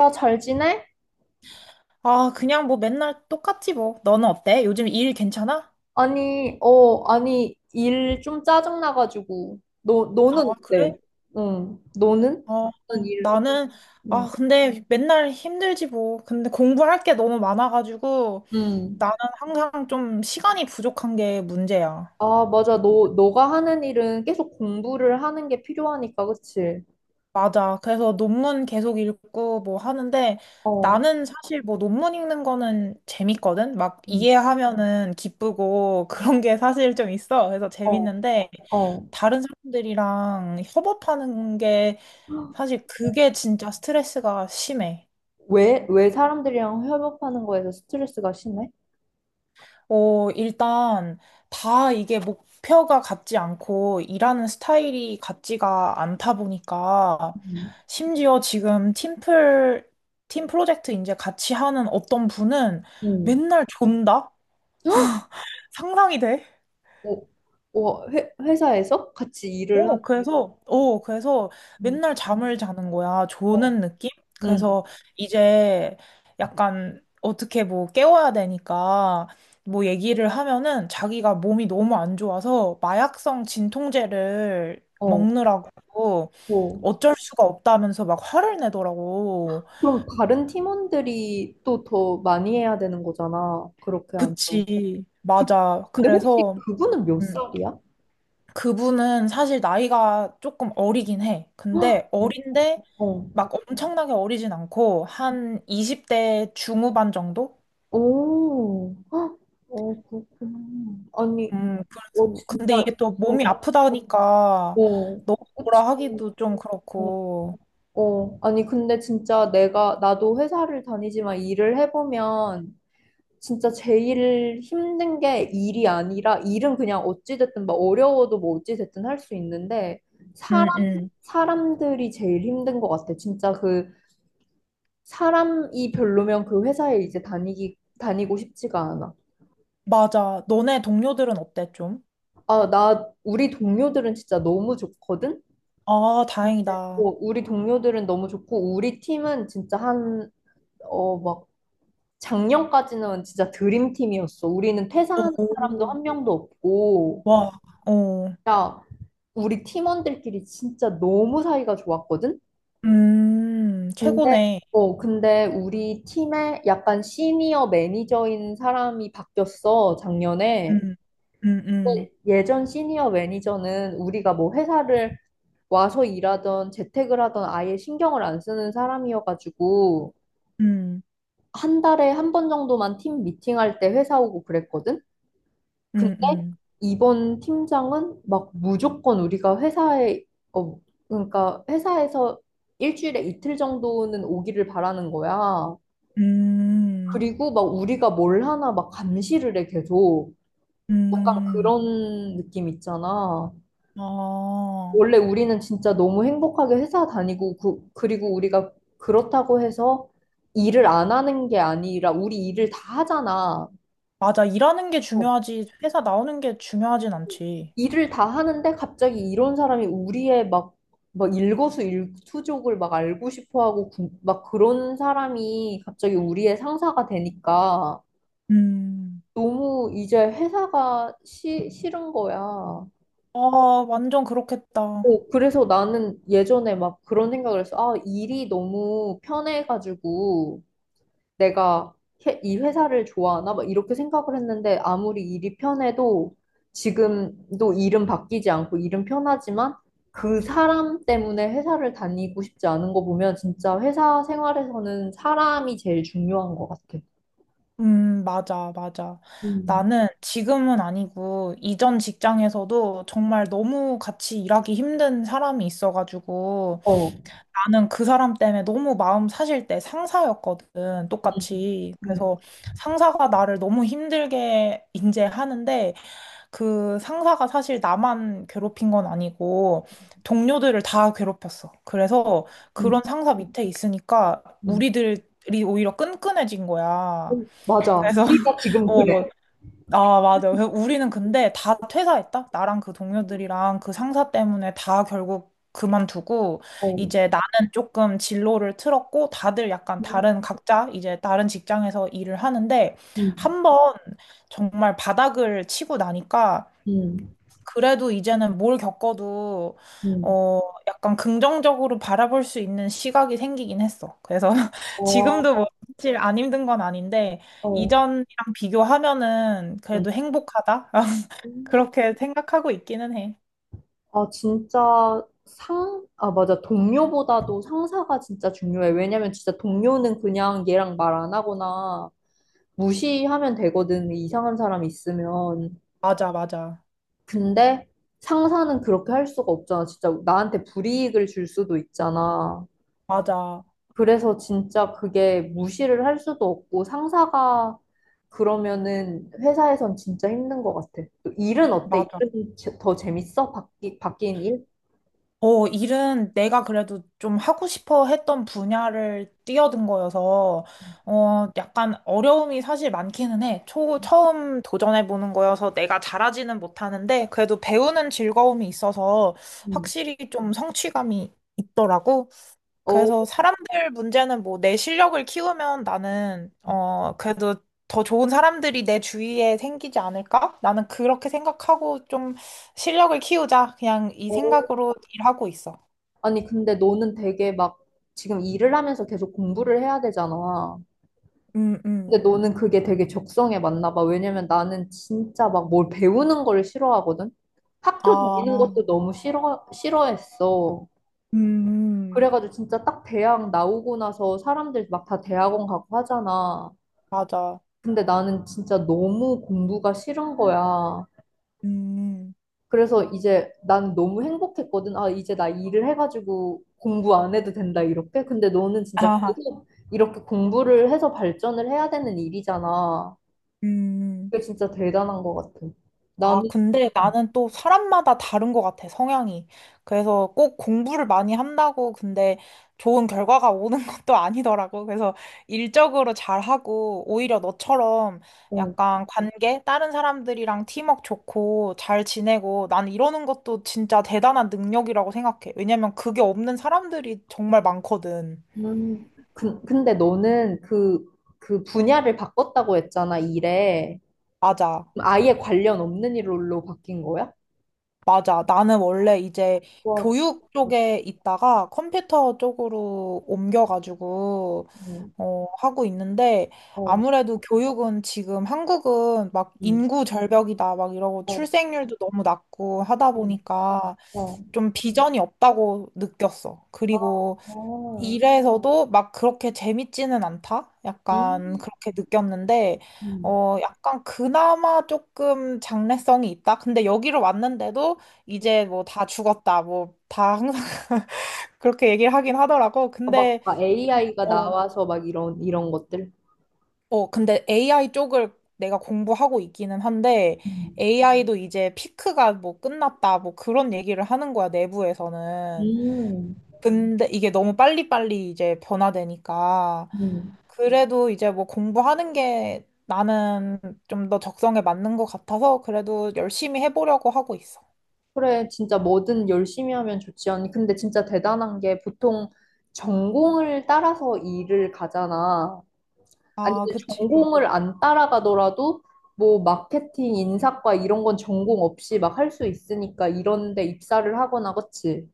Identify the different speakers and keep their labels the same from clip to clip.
Speaker 1: 야, 잘 지내?
Speaker 2: 아, 그냥 뭐 맨날 똑같지 뭐. 너는 어때? 요즘 일 괜찮아?
Speaker 1: 아니, 아니, 일 좀 짜증나가지고. 너,
Speaker 2: 아,
Speaker 1: 너는 어때?
Speaker 2: 그래?
Speaker 1: 응, 너는?
Speaker 2: 어,
Speaker 1: 너는
Speaker 2: 어.
Speaker 1: 일,
Speaker 2: 나는,
Speaker 1: 응.
Speaker 2: 아, 근데 맨날 힘들지 뭐. 근데 공부할 게 너무 많아가지고
Speaker 1: 응.
Speaker 2: 나는 항상 좀 시간이 부족한 게 문제야.
Speaker 1: 아, 맞아. 너가 하는 일은 계속 공부를 하는 게 필요하니까, 그치?
Speaker 2: 맞아. 그래서 논문 계속 읽고 뭐 하는데
Speaker 1: 어,
Speaker 2: 나는 사실 뭐 논문 읽는 거는 재밌거든? 막
Speaker 1: 응.
Speaker 2: 이해하면은 기쁘고 그런 게 사실 좀 있어. 그래서
Speaker 1: 어,
Speaker 2: 재밌는데
Speaker 1: 어.
Speaker 2: 다른 사람들이랑 협업하는 게 사실 그게 진짜 스트레스가 심해.
Speaker 1: 왜 사람들이랑 협업하는 거에서 스트레스가 심해?
Speaker 2: 어, 일단 다 이게 목표가 같지 않고 일하는 스타일이 같지가 않다 보니까
Speaker 1: 응.
Speaker 2: 심지어 지금 팀플, 팀 프로젝트 이제 같이 하는 어떤 분은
Speaker 1: 응.
Speaker 2: 맨날 존다?
Speaker 1: 헉!
Speaker 2: 상상이 돼?
Speaker 1: 어, 어, 회사에서 같이 일을 하,
Speaker 2: 어, 그래서, 어, 그래서
Speaker 1: 응.
Speaker 2: 맨날 잠을 자는 거야.
Speaker 1: 어,
Speaker 2: 조는 느낌?
Speaker 1: 응.
Speaker 2: 그래서 이제 약간 어떻게 뭐 깨워야 되니까 뭐 얘기를 하면은 자기가 몸이 너무 안 좋아서 마약성 진통제를
Speaker 1: 어,
Speaker 2: 먹느라고
Speaker 1: 어.
Speaker 2: 어쩔 수가 없다면서 막 화를 내더라고.
Speaker 1: 그럼 다른 팀원들이 또 더 많이 해야 되는 거잖아. 그렇게 하면.
Speaker 2: 그치. 맞아.
Speaker 1: 근데 혹시
Speaker 2: 그래서,
Speaker 1: 그분은 몇
Speaker 2: 음.
Speaker 1: 살이야?
Speaker 2: 그분은 사실 나이가 조금 어리긴 해. 근데
Speaker 1: 어.
Speaker 2: 어린데
Speaker 1: 어.
Speaker 2: 막 엄청나게 어리진 않고 한 20대 중후반 정도?
Speaker 1: 오. 헉, 어, 그렇구나. 아니, 어,
Speaker 2: 그래서 근데
Speaker 1: 진짜,
Speaker 2: 이게 또 몸이
Speaker 1: 어,
Speaker 2: 아프다니까
Speaker 1: 어,
Speaker 2: 너무
Speaker 1: 그치.
Speaker 2: 뭐라 하기도 좀
Speaker 1: 어,
Speaker 2: 그렇고.
Speaker 1: 어. 아니, 근데 진짜 나도 회사를 다니지만 일을 해보면 진짜 제일 힘든 게 일이 아니라 일은 그냥 어찌됐든 막 어려워도 뭐 어찌됐든 할 수 있는데 사람
Speaker 2: 음, 음.
Speaker 1: 사람들이 제일 힘든 것 같아. 진짜 그 사람이 별로면 그 회사에 이제 다니기 다니고 싶지가 않아.
Speaker 2: 맞아. 너네 동료들은 어때 좀?
Speaker 1: 아, 나 우리 동료들은 진짜 너무 좋거든.
Speaker 2: 아,
Speaker 1: 근데,
Speaker 2: 다행이다.
Speaker 1: 우리 동료들은 너무 좋고 우리 팀은 진짜 한 막 작년까지는 진짜 드림팀이었어. 우리는 퇴사하는 사람도
Speaker 2: 오,
Speaker 1: 한 명도 없고.
Speaker 2: 와, 어.
Speaker 1: 야, 우리 팀원들끼리 진짜 너무 사이가 좋았거든? 근데,
Speaker 2: 최고네.
Speaker 1: 근데 우리 팀에 약간 시니어 매니저인 사람이 바뀌었어, 작년에.
Speaker 2: 음, 음, 음,
Speaker 1: 근데 예전 시니어 매니저는 우리가 뭐 회사를 와서 일하던 재택을 하던 아예 신경을 안 쓰는 사람이어가지고
Speaker 2: 음,
Speaker 1: 한 달에 한 번 정도만 팀 미팅할 때 회사 오고 그랬거든? 근데
Speaker 2: 음, 음.
Speaker 1: 이번 팀장은 막 무조건 우리가 회사에 어 그러니까 회사에서 일주일에 이틀 정도는 오기를 바라는 거야.
Speaker 2: 음.
Speaker 1: 그리고 막 우리가 뭘 하나 막 감시를 해 계속. 약간
Speaker 2: 음,
Speaker 1: 그런 느낌 있잖아.
Speaker 2: 아,
Speaker 1: 원래 우리는 진짜 너무 행복하게 회사 다니고 그리고 우리가 그렇다고 해서 일을 안 하는 게 아니라 우리 일을 다 하잖아.
Speaker 2: 맞아. 일하는 게
Speaker 1: 어,
Speaker 2: 중요하지. 회사 나오는 게 중요하진 않지.
Speaker 1: 일을 다 하는데 갑자기 이런 사람이 우리의 막, 막 일거수일투족을 막 알고 싶어 하고 막 그런 사람이 갑자기 우리의 상사가 되니까
Speaker 2: 음,
Speaker 1: 너무 이제 회사가 싫은 거야. 어,
Speaker 2: 아, 완전 그렇겠다.
Speaker 1: 그래서 나는 예전에 막 그런 생각을 했어. 아, 일이 너무 편해가지고 내가 이 회사를 좋아하나? 막 이렇게 생각을 했는데 아무리 일이 편해도 지금도 일은 바뀌지 않고 일은 편하지만 그 사람 때문에 회사를 다니고 싶지 않은 거 보면 진짜 회사 생활에서는 사람이 제일 중요한 것 같아.
Speaker 2: 맞아, 맞아.
Speaker 1: 음,
Speaker 2: 나는 지금은 아니고, 이전 직장에서도 정말 너무 같이 일하기 힘든 사람이 있어가지고,
Speaker 1: 어,
Speaker 2: 나는 그 사람 때문에 너무 마음 사실 때 상사였거든, 똑같이.
Speaker 1: 음,
Speaker 2: 그래서 상사가 나를 너무 힘들게 인제 하는데, 그 상사가 사실 나만 괴롭힌 건 아니고 동료들을 다 괴롭혔어. 그래서
Speaker 1: 음,
Speaker 2: 그런 상사 밑에 있으니까
Speaker 1: 음.
Speaker 2: 우리들이 오히려 끈끈해진 거야.
Speaker 1: 맞아.
Speaker 2: 그래서
Speaker 1: 우리가 지금 그래.
Speaker 2: 어, 아, 맞아. 그래서 우리는 근데 다 퇴사했다. 나랑 그 동료들이랑 그 상사 때문에 다 결국 그만두고
Speaker 1: 어,
Speaker 2: 이제 나는 조금 진로를 틀었고 다들 약간
Speaker 1: 음,
Speaker 2: 다른 각자 이제 다른 직장에서 일을 하는데
Speaker 1: 음,
Speaker 2: 한 번 정말 바닥을 치고 나니까
Speaker 1: 음.
Speaker 2: 그래도 이제는 뭘 겪어도
Speaker 1: 음.
Speaker 2: 어 약간 긍정적으로 바라볼 수 있는 시각이 생기긴 했어. 그래서 지금도
Speaker 1: 어,
Speaker 2: 뭐 사실 안 힘든 건 아닌데
Speaker 1: 어.
Speaker 2: 이전이랑 비교하면은 그래도 행복하다.
Speaker 1: 음.
Speaker 2: 그렇게 생각하고 있기는 해.
Speaker 1: 아, 진짜 아, 맞아. 동료보다도 상사가 진짜 중요해. 왜냐면 진짜 동료는 그냥 얘랑 말 안 하거나 무시하면 되거든. 이상한 사람 있으면.
Speaker 2: 맞아, 맞아.
Speaker 1: 근데 상사는 그렇게 할 수가 없잖아. 진짜 나한테 불이익을 줄 수도 있잖아.
Speaker 2: 맞아.
Speaker 1: 그래서 진짜 그게 무시를 할 수도 없고 상사가 그러면은 회사에선 진짜 힘든 것 같아. 또 일은 어때?
Speaker 2: 맞아.
Speaker 1: 일은 더 재밌어? 바뀐 일?
Speaker 2: 어, 일은 내가 그래도 좀 하고 싶어 했던 분야를 뛰어든 거여서, 어, 약간 어려움이 사실 많기는 해. 처음 도전해보는 거여서 내가 잘하지는 못하는데, 그래도 배우는 즐거움이 있어서
Speaker 1: 음.
Speaker 2: 확실히 좀 성취감이 있더라고.
Speaker 1: 어,
Speaker 2: 그래서 사람들 문제는 뭐 내 실력을 키우면 나는 어 그래도 더 좋은 사람들이 내 주위에 생기지 않을까? 나는 그렇게 생각하고 좀 실력을 키우자. 그냥 이
Speaker 1: 어,
Speaker 2: 생각으로 일하고 있어.
Speaker 1: 아니, 근데 너는 되게 막 지금 일을 하면서 계속 공부를 해야 되잖아.
Speaker 2: 음,
Speaker 1: 근데
Speaker 2: 음.
Speaker 1: 너는 그게 되게 적성에 맞나 봐. 왜냐면 나는 진짜 막 뭘 배우는 걸 싫어하거든. 학교 다니는 것도
Speaker 2: 아,
Speaker 1: 너무 싫어했어.
Speaker 2: 음, 음.
Speaker 1: 그래가지고 진짜 딱 대학 나오고 나서 사람들 막 다 대학원 가고 하잖아.
Speaker 2: 맞아.
Speaker 1: 근데 나는 진짜 너무 공부가 싫은 거야.
Speaker 2: 음.
Speaker 1: 그래서 이제 난 너무 행복했거든. 아, 이제 나 일을 해가지고 공부 안 해도 된다, 이렇게. 근데 너는 진짜
Speaker 2: 아,
Speaker 1: 계속 이렇게 공부를 해서 발전을 해야 되는 일이잖아.
Speaker 2: 음.
Speaker 1: 그게 진짜 대단한 것 같아.
Speaker 2: 아,
Speaker 1: 나는,
Speaker 2: 근데 나는 또 사람마다 다른 것 같아, 성향이. 그래서 꼭 공부를 많이 한다고, 근데 좋은 결과가 오는 것도 아니더라고. 그래서 일적으로 잘하고, 오히려 너처럼
Speaker 1: 어,
Speaker 2: 약간 관계, 다른 사람들이랑 팀워크 좋고, 잘 지내고, 나는 이러는 것도 진짜 대단한 능력이라고 생각해. 왜냐면 그게 없는 사람들이 정말 많거든.
Speaker 1: 근데 너는 그, 분야를 바꿨다고 했잖아, 일에.
Speaker 2: 맞아.
Speaker 1: 그럼 아예 관련 없는 일로 바뀐 거야?
Speaker 2: 맞아. 나는 원래 이제
Speaker 1: 와,
Speaker 2: 교육
Speaker 1: 어,
Speaker 2: 쪽에 있다가 컴퓨터 쪽으로 옮겨가지고, 어, 하고 있는데,
Speaker 1: 어,
Speaker 2: 아무래도 교육은 지금 한국은 막
Speaker 1: 음,
Speaker 2: 인구 절벽이다, 막 이러고
Speaker 1: 어,
Speaker 2: 출생률도 너무 낮고 하다
Speaker 1: 음,
Speaker 2: 보니까
Speaker 1: 어,
Speaker 2: 좀 비전이 없다고 느꼈어.
Speaker 1: 어,
Speaker 2: 그리고
Speaker 1: 어,
Speaker 2: 일에서도 막 그렇게 재밌지는 않다?
Speaker 1: 음,
Speaker 2: 약간 그렇게 느꼈는데,
Speaker 1: 음.
Speaker 2: 어, 약간 그나마 조금 장래성이 있다? 근데 여기로 왔는데도 이제 뭐 다 죽었다. 뭐 다 항상 그렇게 얘기를 하긴 하더라고.
Speaker 1: 어, 막
Speaker 2: 근데 일단,
Speaker 1: AI가
Speaker 2: 어,
Speaker 1: 나와서 막 이런 것들.
Speaker 2: 어, 근데 AI 쪽을 내가 공부하고 있기는 한데,
Speaker 1: 음,
Speaker 2: AI도 이제 피크가 뭐 끝났다. 뭐 그런 얘기를 하는 거야, 내부에서는.
Speaker 1: 음,
Speaker 2: 근데 이게 너무 빨리빨리 이제 변화되니까
Speaker 1: 음.
Speaker 2: 그래도 이제 뭐 공부하는 게 나는 좀 더 적성에 맞는 것 같아서 그래도 열심히 해보려고 하고 있어.
Speaker 1: 그래, 진짜 뭐든 열심히 하면 좋지 않니? 근데 진짜 대단한 게 보통 전공을 따라서 일을 가잖아. 아니,
Speaker 2: 아,
Speaker 1: 근데
Speaker 2: 그치.
Speaker 1: 전공을 안 따라가더라도 뭐 마케팅, 인사과 이런 건 전공 없이 막 할 수 있으니까 이런 데 입사를 하거나, 그치?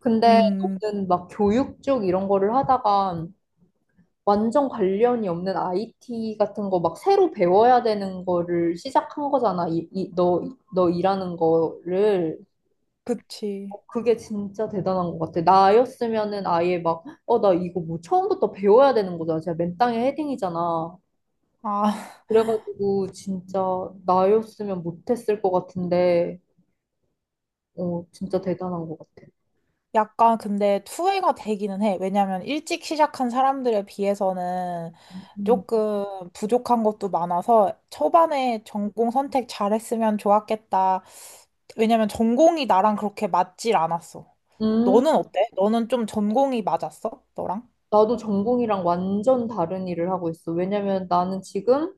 Speaker 1: 근데
Speaker 2: 음,
Speaker 1: 너는 막 교육 쪽 이런 거를 하다가 완전 관련이 없는 IT 같은 거 막 새로 배워야 되는 거를 시작한 거잖아. 너 일하는 거를.
Speaker 2: 그치.
Speaker 1: 어, 그게 진짜 대단한 것 같아. 나였으면은 아예 막, 나 이거 뭐 처음부터 배워야 되는 거잖아. 진짜 맨 땅에 헤딩이잖아.
Speaker 2: 아,
Speaker 1: 그래가지고 진짜 나였으면 못했을 것 같은데, 어, 진짜 대단한 것 같아.
Speaker 2: 약간 근데 투회가 되기는 해. 왜냐면 일찍 시작한 사람들에 비해서는
Speaker 1: 음,
Speaker 2: 조금 부족한 것도 많아서 초반에 전공 선택 잘했으면 좋았겠다. 왜냐면 전공이 나랑 그렇게 맞질 않았어.
Speaker 1: 음,
Speaker 2: 너는 어때? 너는 좀 전공이 맞았어? 너랑?
Speaker 1: 나도 전공이랑 완전 다른 일을 하고 있어. 왜냐면 나는 지금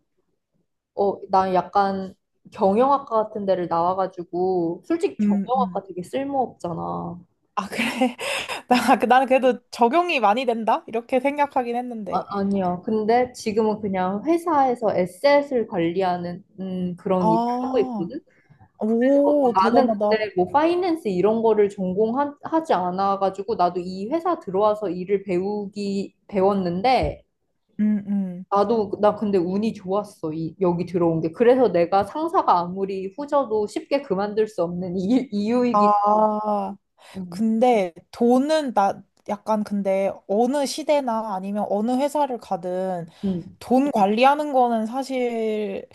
Speaker 1: 난 약간 경영학과 같은 데를 나와가지고, 솔직히
Speaker 2: 음, 음.
Speaker 1: 경영학과 되게 쓸모없잖아.
Speaker 2: 아, 그래. 나, 나는 그래도 적용이 많이 된다? 이렇게 생각하긴
Speaker 1: 아,
Speaker 2: 했는데.
Speaker 1: 아니야. 근데 지금은 그냥 회사에서 에셋을 관리하는 그런 일을 하고
Speaker 2: 아,
Speaker 1: 있거든. 그래서 뭐
Speaker 2: 오,
Speaker 1: 나는
Speaker 2: 대단하다.
Speaker 1: 근데 뭐 파이낸스 이런 거를 전공하지 않아가지고 나도 이 회사 들어와서 일을 배우기 배웠는데
Speaker 2: 음, 음.
Speaker 1: 나도 나 근데 운이 좋았어 여기 들어온 게 그래서 내가 상사가 아무리 후져도 쉽게 그만둘 수 없는 이유이기.
Speaker 2: 아, 근데 돈은 나 약간 근데 어느 시대나 아니면 어느 회사를 가든
Speaker 1: 응.
Speaker 2: 돈 관리하는 거는 사실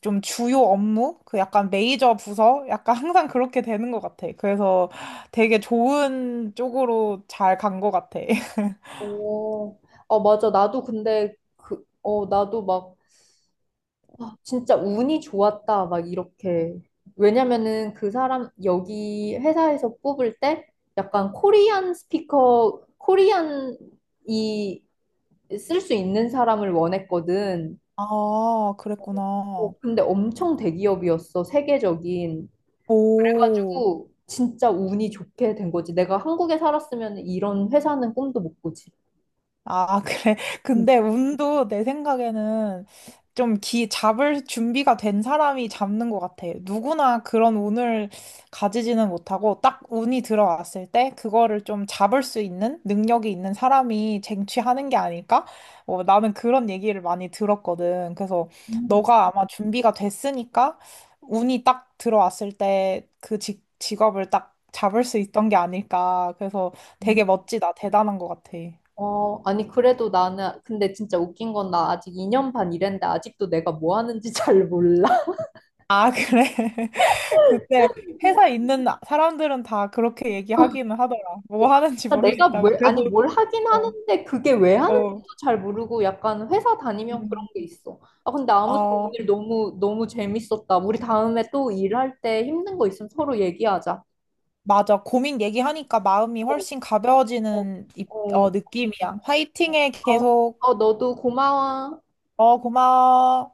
Speaker 2: 좀 주요 업무? 그 약간 메이저 부서? 약간 항상 그렇게 되는 것 같아. 그래서 되게 좋은 쪽으로 잘 간 것 같아.
Speaker 1: 오, 아, 맞아. 나도 근데 나도 막, 아, 진짜 운이 좋았다. 막 이렇게. 왜냐면은 그 사람, 여기 회사에서 뽑을 때 약간 코리안 스피커, 코리안이 쓸 수 있는 사람을 원했거든.
Speaker 2: 아,
Speaker 1: 어,
Speaker 2: 그랬구나.
Speaker 1: 근데 엄청 대기업이었어. 세계적인.
Speaker 2: 오.
Speaker 1: 그래가지고 진짜 운이 좋게 된 거지. 내가 한국에 살았으면 이런 회사는 꿈도 못 꾸지.
Speaker 2: 아, 그래. 근데 운도 내 생각에는 좀 잡을 준비가 된 사람이 잡는 것 같아. 누구나 그런 운을 가지지는 못하고 딱 운이 들어왔을 때 그거를 좀 잡을 수 있는 능력이 있는 사람이 쟁취하는 게 아닐까? 어, 나는 그런 얘기를 많이 들었거든. 그래서
Speaker 1: 음.
Speaker 2: 너가 아마 준비가 됐으니까 운이 딱 들어왔을 때 그 직업을 딱 잡을 수 있던 게 아닐까. 그래서 되게 멋지다. 대단한 것 같아.
Speaker 1: 어, 아니, 그래도 나는, 근데 진짜 웃긴 건 나 아직 2년 반 일했는데 아직도 내가 뭐 하는지 잘 몰라.
Speaker 2: 아, 그래? 근데 회사 있는 사람들은 다 그렇게 얘기하기는 하더라.
Speaker 1: 어,
Speaker 2: 뭐 하는지
Speaker 1: 아, 내가
Speaker 2: 모르겠다고.
Speaker 1: 뭘, 아니,
Speaker 2: 그래도,
Speaker 1: 뭘 하긴
Speaker 2: 어,
Speaker 1: 하는데 그게 왜
Speaker 2: 어.
Speaker 1: 하는지도 잘 모르고 약간 회사 다니면 그런 게
Speaker 2: 음.
Speaker 1: 있어. 아, 근데 아무튼
Speaker 2: 아,
Speaker 1: 오늘 너무, 너무 재밌었다. 우리 다음에 또 일할 때 힘든 거 있으면 서로 얘기하자.
Speaker 2: 맞아. 고민 얘기하니까 마음이
Speaker 1: 어,
Speaker 2: 훨씬
Speaker 1: 어,
Speaker 2: 어,
Speaker 1: 어,
Speaker 2: 느낌이야. 화이팅해,
Speaker 1: 어,
Speaker 2: 계속.
Speaker 1: 어, 너도 고마워.
Speaker 2: 어, 고마워.